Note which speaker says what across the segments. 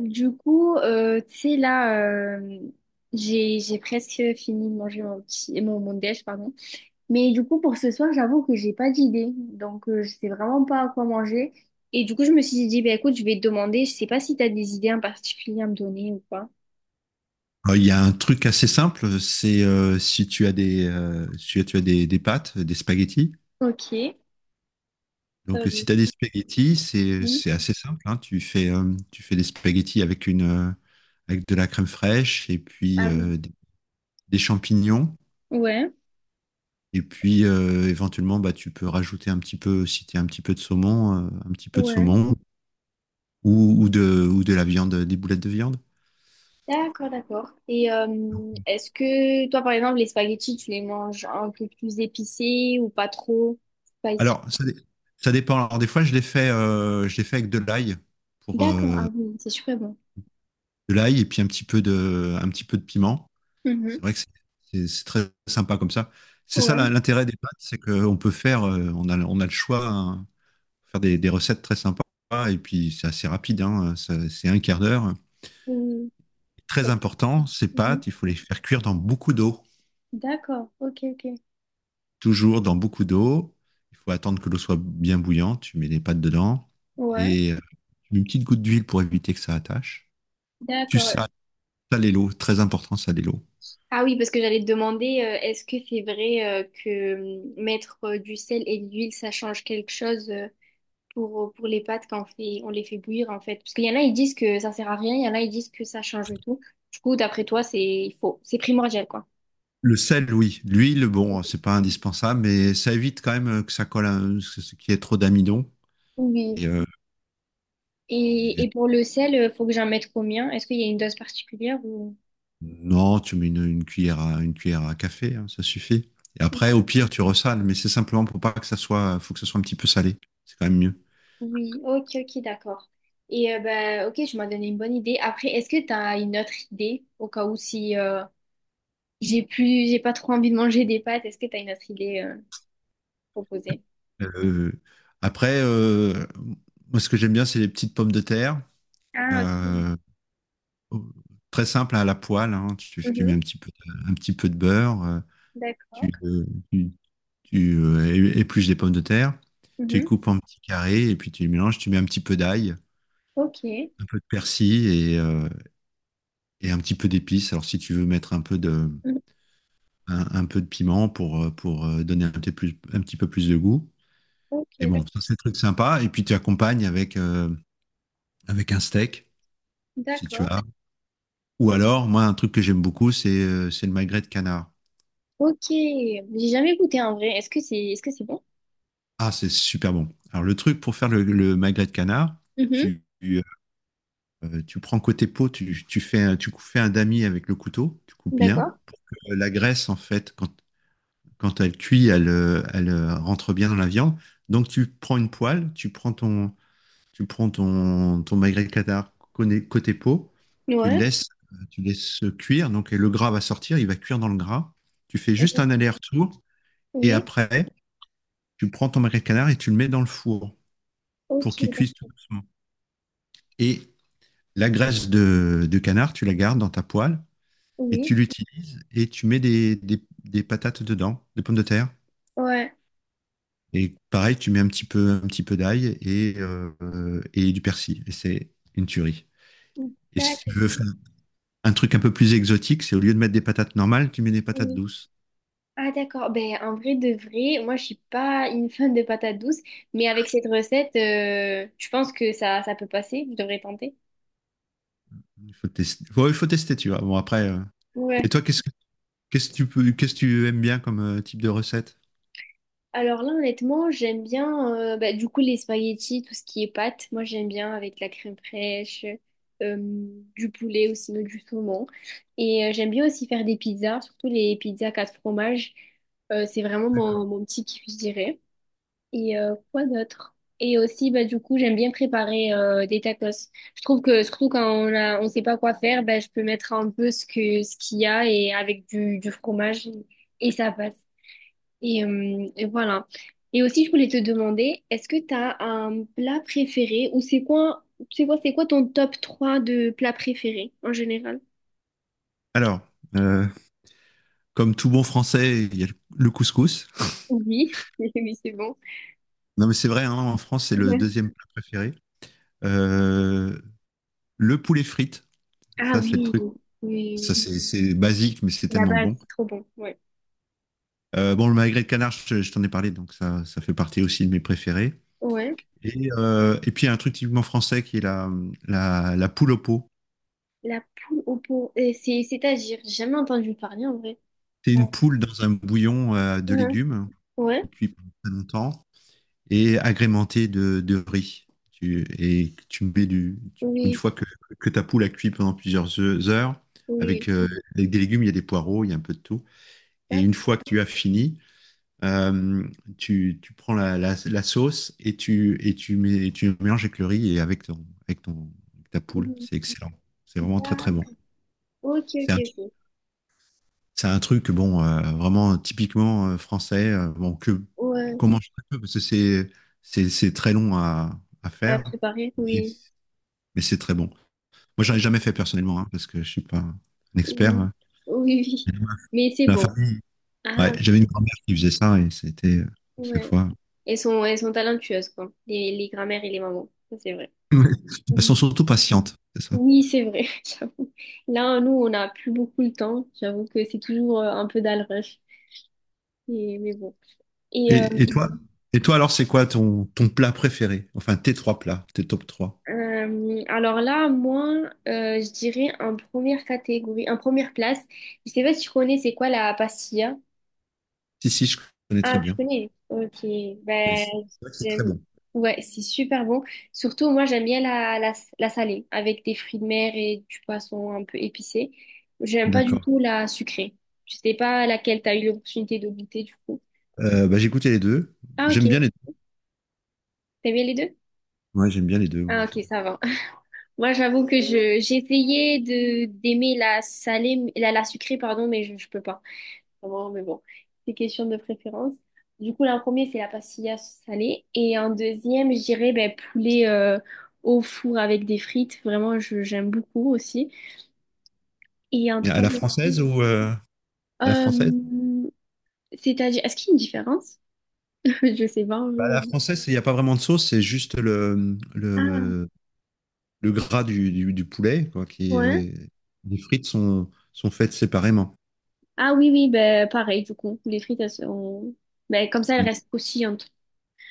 Speaker 1: Tu sais, j'ai presque fini de manger mon déj, pardon. Mais du coup, pour ce soir, j'avoue que j'ai pas d'idée. Donc, je sais vraiment pas à quoi manger. Et du coup, je me suis dit, bah, écoute, je vais te demander, je sais pas si t'as des idées en particulier à me donner ou pas.
Speaker 2: Il y a un truc assez simple, c'est si tu as si tu as des pâtes, des spaghettis.
Speaker 1: Ok.
Speaker 2: Donc,
Speaker 1: Euh,
Speaker 2: si tu as des spaghettis,
Speaker 1: oui.
Speaker 2: c'est assez simple, hein. Tu tu fais des spaghettis avec une, avec de la crème fraîche et puis
Speaker 1: Ah oui.
Speaker 2: des champignons.
Speaker 1: Ouais,
Speaker 2: Et puis, éventuellement, bah, tu peux rajouter un petit peu, si tu as un petit peu de saumon, un petit peu de
Speaker 1: ouais.
Speaker 2: saumon ou ou de la viande, des boulettes de viande.
Speaker 1: D'accord, d'accord. Et est-ce que toi, par exemple, les spaghettis, tu les manges un peu plus épicés ou pas trop spicy?
Speaker 2: Alors, ça dépend. Alors, des fois, je l'ai je l'ai fait avec de l'ail pour,
Speaker 1: D'accord, ah
Speaker 2: euh,
Speaker 1: oui, c'est super bon.
Speaker 2: de l'ail et puis un petit peu un petit peu de piment.
Speaker 1: Mhm.
Speaker 2: C'est vrai que c'est- c'est très sympa comme ça. C'est ça
Speaker 1: Ouais.
Speaker 2: l'intérêt des pâtes, c'est qu'on peut faire, on on a le choix, hein, faire des recettes très sympas et puis c'est assez rapide, hein, c'est un quart d'heure.
Speaker 1: Ou
Speaker 2: Très important, ces
Speaker 1: Mhm.
Speaker 2: pâtes, il faut les faire cuire dans beaucoup d'eau,
Speaker 1: D'accord. Ok, ok.
Speaker 2: toujours dans beaucoup d'eau. Il faut attendre que l'eau soit bien bouillante, tu mets les pâtes dedans
Speaker 1: Ouais.
Speaker 2: et tu mets une petite goutte d'huile pour éviter que ça attache. Tu
Speaker 1: D'accord.
Speaker 2: sales, saler l'eau, très important, saler l'eau.
Speaker 1: Ah oui, parce que j'allais te demander, est-ce que c'est vrai que mettre du sel et de l'huile, ça change quelque chose pour les pâtes quand on fait, on les fait bouillir en fait? Parce qu'il y en a, ils disent que ça sert à rien, il y en a, ils disent que ça change tout. Du coup, d'après toi, c'est il faut, c'est primordial quoi.
Speaker 2: Le sel, oui. L'huile, bon, c'est pas indispensable, mais ça évite quand même que ça colle, ce qu'il y ait trop d'amidon.
Speaker 1: Oui.
Speaker 2: Et, et-
Speaker 1: Et pour le sel, faut que j'en mette combien? Est-ce qu'il y a une dose particulière ou...
Speaker 2: non, tu mets une cuillère à café, hein, ça suffit. Et après, au pire, tu ressales, mais c'est simplement pour pas que ça soit, faut que ça soit un petit peu salé. C'est quand même mieux.
Speaker 1: Oui, ok, ok, d'accord. Et ben, ok, je m'as donné une bonne idée. Après, est-ce que tu as une autre idée au cas où si j'ai plus, j'ai pas trop envie de manger des pâtes, est-ce que tu as une autre idée proposée?
Speaker 2: Euh, après, euh, Moi, ce que j'aime bien, c'est les petites pommes de terre.
Speaker 1: Ah, ok.
Speaker 2: Euh, oh, Très simple à la poêle, hein. Tu mets un
Speaker 1: Mhm,
Speaker 2: petit peu, un petit peu de beurre,
Speaker 1: d'accord.
Speaker 2: tu, euh, tu, tu, euh, épluches des pommes de terre, tu les
Speaker 1: Mhm,
Speaker 2: coupes en petits carrés et puis tu les mélanges. Tu mets un petit peu d'ail,
Speaker 1: ok.
Speaker 2: un peu de persil et un petit peu d'épices. Alors si tu veux mettre un peu
Speaker 1: Mhm,
Speaker 2: un peu de piment pour, donner un petit, plus, un petit peu plus de goût.
Speaker 1: ok,
Speaker 2: Et bon,
Speaker 1: d'ac-
Speaker 2: ça c'est un truc sympa. Et puis tu accompagnes avec, avec un steak, si tu
Speaker 1: d'accord.
Speaker 2: as. Ou alors, moi, un truc que j'aime beaucoup, c'est le magret de canard.
Speaker 1: Ok. J'ai jamais goûté en vrai. Est-ce que c'est bon?
Speaker 2: Ah, c'est super bon. Alors, le truc pour faire le magret de canard,
Speaker 1: Mhm,
Speaker 2: tu, tu, tu prends côté peau, tu fais fais un damier avec le couteau, tu coupes bien.
Speaker 1: d'accord.
Speaker 2: La graisse, en fait, quand elle cuit, elle, elle rentre bien dans la viande. Donc, tu prends une poêle, tu prends tu prends ton magret de canard côté peau, tu le
Speaker 1: Ouais.
Speaker 2: laisses, tu laisses cuire. Donc, et le gras va sortir, il va cuire dans le gras. Tu fais juste un aller-retour et
Speaker 1: Oui.
Speaker 2: après, tu prends ton magret de canard et tu le mets dans le four
Speaker 1: Ok.
Speaker 2: pour qu'il cuise
Speaker 1: d'ac-
Speaker 2: tout doucement. Et la graisse de canard, tu la gardes dans ta poêle et
Speaker 1: Oui.
Speaker 2: tu l'utilises et tu mets des patates dedans, des pommes de terre.
Speaker 1: Ouais.
Speaker 2: Et pareil, tu mets un petit peu d'ail et du persil. Et c'est une tuerie. Et si tu
Speaker 1: D'accord.
Speaker 2: veux faire un truc un peu plus exotique, c'est au lieu de mettre des patates normales, tu mets des patates
Speaker 1: Oui.
Speaker 2: douces.
Speaker 1: Ah d'accord, ben en vrai de vrai, moi je suis pas une fan de patates douces, mais avec cette recette, je pense que ça peut passer, je devrais tenter.
Speaker 2: Il faut tester, ouais, il faut tester tu vois. Bon, après, et
Speaker 1: Ouais.
Speaker 2: toi, qu'est-ce que tu peux, qu'est-ce que tu aimes bien comme type de recette?
Speaker 1: Alors là honnêtement, j'aime bien ben, du coup les spaghettis, tout ce qui est pâtes, moi j'aime bien avec de la crème fraîche, euh, du poulet ou sinon du saumon. Et j'aime bien aussi faire des pizzas, surtout les pizzas quatre fromages. C'est vraiment mon, mon petit kiff, je dirais. Et quoi d'autre? Et aussi, bah, du coup, j'aime bien préparer des tacos. Je trouve que surtout quand on a, on sait pas quoi faire, bah, je peux mettre un peu ce que ce qu'il y a et avec du fromage et ça passe. Et voilà. Et aussi, je voulais te demander, est-ce que tu as un plat préféré ou c'est quoi ton top 3 de plats préférés en général?
Speaker 2: Alors, euh, comme tout bon français, il y a le couscous.
Speaker 1: Oui, oui, c'est bon.
Speaker 2: Non, mais c'est vrai, hein, en France, c'est le
Speaker 1: Ouais.
Speaker 2: deuxième plat préféré. Euh, le poulet frites,
Speaker 1: Ah
Speaker 2: ça, c'est le
Speaker 1: oui,
Speaker 2: truc.
Speaker 1: oui,
Speaker 2: Ça, c'est basique, mais c'est
Speaker 1: la
Speaker 2: tellement
Speaker 1: base,
Speaker 2: bon.
Speaker 1: c'est trop bon. Ouais.
Speaker 2: Bon, le magret de canard, je t'en ai parlé, donc ça fait partie aussi de mes préférés.
Speaker 1: Ouais.
Speaker 2: Et puis, il y a un truc typiquement français qui est la poule au pot.
Speaker 1: La poule au pot. C'est, c'est-à-dire, j'ai jamais entendu parler en vrai.
Speaker 2: C'est
Speaker 1: Ah,
Speaker 2: une poule dans un bouillon de
Speaker 1: hein.
Speaker 2: légumes qui
Speaker 1: Ouais,
Speaker 2: cuit pendant très longtemps, et agrémenté de riz. Tu mets une
Speaker 1: oui,
Speaker 2: fois que ta poule a cuit pendant plusieurs heures,
Speaker 1: oui.
Speaker 2: avec, avec des légumes, il y a des poireaux, il y a un peu de tout. Et
Speaker 1: Tac,
Speaker 2: une fois que tu as fini, euh, tu prends la sauce et et tu mets, tu mélanges avec le riz et avec ta poule.
Speaker 1: oui,
Speaker 2: C'est excellent. C'est vraiment très, très
Speaker 1: tac.
Speaker 2: bon.
Speaker 1: Ok,
Speaker 2: C'est
Speaker 1: ok, ok.
Speaker 2: un truc, bon, vraiment typiquement français, bon, que,
Speaker 1: Ouais,
Speaker 2: comment je fais parce que c'est, c'est très long à
Speaker 1: à
Speaker 2: faire,
Speaker 1: préparer,
Speaker 2: mais,
Speaker 1: oui.
Speaker 2: mais c'est très bon. Moi, j'en ai
Speaker 1: Oui,
Speaker 2: jamais fait personnellement, hein, parce que je suis pas un expert,
Speaker 1: oui.
Speaker 2: hein.
Speaker 1: oui.
Speaker 2: Mais
Speaker 1: Mais c'est
Speaker 2: la
Speaker 1: bon.
Speaker 2: famille, ouais,
Speaker 1: Ah,
Speaker 2: j'avais une grand-mère qui faisait ça et c'était à chaque
Speaker 1: ouais.
Speaker 2: fois.
Speaker 1: Elles sont talentueuses, quoi. Les grands-mères et les mamans. Ça, c'est vrai.
Speaker 2: Ouais. Elles sont
Speaker 1: Oui,
Speaker 2: surtout patientes, c'est ça.
Speaker 1: Oui, c'est vrai, j'avoue. Là, nous, on n'a plus beaucoup le temps. J'avoue que c'est toujours un peu dans le rush. Et- mais bon. Et,
Speaker 2: Et, et toi, et toi alors, c'est quoi ton plat préféré? Enfin, tes trois plats, tes top 3.
Speaker 1: alors là, moi, je dirais en première catégorie, en première place. Je sais pas si tu connais, c'est quoi la pastilla?
Speaker 2: Si, si, je connais très
Speaker 1: Ah, tu
Speaker 2: bien.
Speaker 1: connais? Ok.
Speaker 2: C'est
Speaker 1: Ben,
Speaker 2: vrai que c'est très
Speaker 1: j'aime.
Speaker 2: bon.
Speaker 1: Ouais, c'est super bon. Surtout, moi, j'aime bien la salée avec des fruits de mer et du poisson un peu épicé. J'aime pas du
Speaker 2: D'accord.
Speaker 1: tout la sucrée. Je sais pas laquelle t'as eu l'opportunité de goûter, du coup.
Speaker 2: Bah, j'écoutais les deux.
Speaker 1: Ah,
Speaker 2: J'aime bien
Speaker 1: ok.
Speaker 2: les
Speaker 1: T'aimes bien les deux?
Speaker 2: deux. Ouais, j'aime bien les deux.
Speaker 1: Ah, ok, ça va. Moi, j'avoue que je j'ai essayé de d'aimer la sucrée, pardon, mais je peux pas. Vraiment, mais bon, c'est question de préférence. Du coup, là, en premier, c'est la pastilla salée. Et en deuxième, je dirais ben, poulet au four avec des frites. Vraiment, je, j'aime beaucoup aussi. Et en
Speaker 2: Et à la
Speaker 1: troisième,
Speaker 2: française ou à la française?
Speaker 1: euh, c'est-à-dire, est-ce qu'il y a une différence? Je sais pas. En
Speaker 2: Bah, à la
Speaker 1: vrai.
Speaker 2: française, il n'y a pas vraiment de sauce, c'est juste
Speaker 1: Ah,
Speaker 2: le gras du poulet, quoi, qui
Speaker 1: ouais.
Speaker 2: est... Les frites sont, sont faites séparément.
Speaker 1: Ah oui, oui, ben, pareil, du coup. Les frites, elles sont... Ben, comme ça, elles restent aussi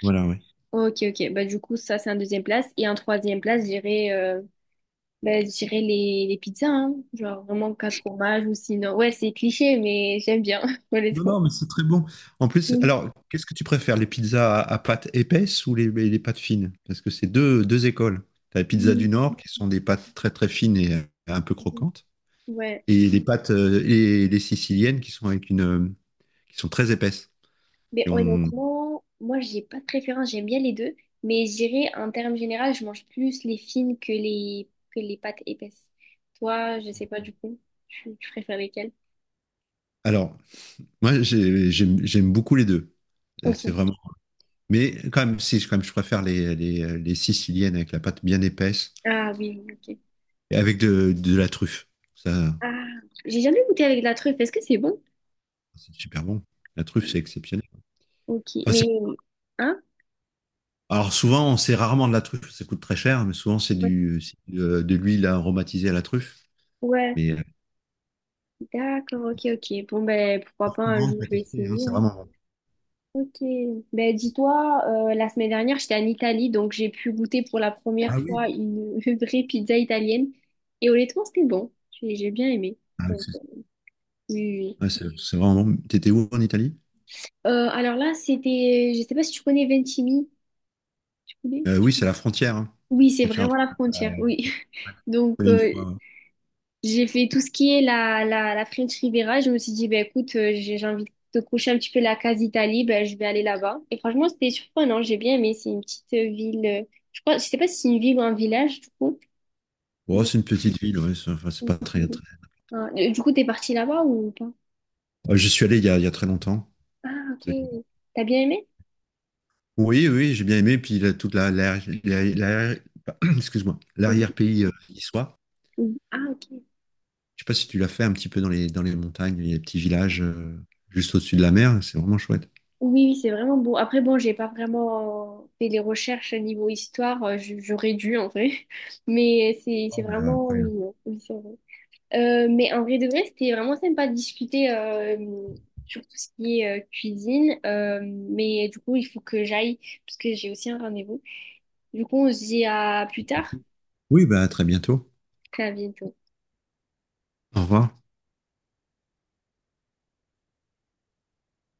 Speaker 2: Voilà, oui.
Speaker 1: Ok, ok. Bah, du coup, ça, c'est un deuxième place. Et en troisième place, j'irais bah, j'irais les pizzas, hein. Genre vraiment quatre fromages ou sinon. Ouais, c'est cliché, mais j'aime bien,
Speaker 2: Non,
Speaker 1: honnêtement.
Speaker 2: non, mais c'est très bon. En plus,
Speaker 1: Mhm.
Speaker 2: alors, qu'est-ce que tu préfères, les pizzas à pâte épaisse ou les pâtes fines? Parce que c'est deux écoles. Tu as les pizzas du
Speaker 1: Mhm.
Speaker 2: Nord qui sont des pâtes très très fines et un peu croquantes,
Speaker 1: Ouais.
Speaker 2: et les pâtes et les siciliennes qui sont avec une qui sont très épaisses,
Speaker 1: Mais
Speaker 2: qui ont,
Speaker 1: honnêtement, moi, j'ai pas de préférence. J'aime bien les deux. Mais j'irais, en termes généraux, je mange plus les fines que que les pâtes épaisses. Toi, je sais pas du coup. Tu préfères lesquelles?
Speaker 2: alors j'aime beaucoup les deux. C'est
Speaker 1: Ok.
Speaker 2: vraiment, mais quand même si quand même je préfère les siciliennes avec la pâte bien épaisse
Speaker 1: Ah oui, oui, ok.
Speaker 2: et avec de la truffe, ça
Speaker 1: Ah, j'ai jamais goûté avec de la truffe. Est-ce que c'est bon?
Speaker 2: c'est super bon, la truffe c'est exceptionnel.
Speaker 1: Ok.
Speaker 2: Enfin,
Speaker 1: Mais.
Speaker 2: c'est-
Speaker 1: Hein
Speaker 2: alors souvent c'est rarement de la truffe, ça coûte très cher, mais souvent c'est
Speaker 1: Ouais,
Speaker 2: du c'est de l'huile aromatisée à la truffe,
Speaker 1: Ouais.
Speaker 2: mais
Speaker 1: d'accord, ok, ok. Bon, ben,
Speaker 2: je
Speaker 1: pourquoi pas un jour,
Speaker 2: recommande
Speaker 1: je
Speaker 2: pour
Speaker 1: vais
Speaker 2: tester, hein,
Speaker 1: essayer.
Speaker 2: c'est
Speaker 1: Hein.
Speaker 2: vraiment bon.
Speaker 1: Ok. Ben, dis-toi, la semaine dernière, j'étais en Italie, donc j'ai pu goûter pour la première
Speaker 2: Ah oui.
Speaker 1: fois une, une vraie pizza italienne. Et honnêtement, c'était bon. J'ai bien aimé.
Speaker 2: Ah,
Speaker 1: Donc, oui, oui. oui.
Speaker 2: ouais, c'est vraiment. T'étais où en Italie?
Speaker 1: Alors là, c'était, je sais pas si tu connais Ventimille, tu connais?
Speaker 2: Oui, c'est la frontière, hein. La
Speaker 1: Oui, c'est
Speaker 2: frontière,
Speaker 1: vraiment la frontière,
Speaker 2: euh,
Speaker 1: oui. Donc,
Speaker 2: c'est une fois, ouais.
Speaker 1: J'ai fait tout ce qui est la French Riviera. Je me suis dit, ben écoute, j'ai envie de coucher un petit peu la case Italie ben je vais aller là-bas. Et franchement, c'était surprenant, j'ai bien aimé. C'est une petite ville, je crois, je sais pas si c'est une ville ou un village, du coup.
Speaker 2: Oh,
Speaker 1: Mais-
Speaker 2: c'est une petite ville, ouais, c'est enfin, c'est pas très, très...
Speaker 1: Ah, Du coup, t'es partie là-bas ou pas?
Speaker 2: J'y suis allé il y a très longtemps.
Speaker 1: Ah, ok.
Speaker 2: C'est-
Speaker 1: T'as bien aimé?
Speaker 2: oui, oui, j'ai bien aimé. Puis là, toute la, l'arrière- l'arrière- l'arrière- excuse-moi,
Speaker 1: Mhm.
Speaker 2: l'arrière-pays niçois.
Speaker 1: Mhm. Ah, ok.
Speaker 2: Je sais pas si tu l'as fait un petit peu dans dans les montagnes, les petits villages juste au-dessus de la mer. C'est vraiment chouette.
Speaker 1: Oui, oui, c'est vraiment beau. Après, bon, j'ai pas vraiment fait les recherches niveau histoire, j- j'aurais dû en vrai, mais c'est
Speaker 2: Oh, mais,
Speaker 1: vraiment
Speaker 2: après, ouais.
Speaker 1: mignon. Oui, c'est vrai. Mais en vrai de vrai, c'était vraiment sympa de discuter sur tout ce qui est cuisine. Mais du coup, il faut que j'aille parce que j'ai aussi un rendez-vous. Du coup, on se dit à plus tard.
Speaker 2: Oui, bah, à très bientôt.
Speaker 1: À vite.
Speaker 2: Au revoir.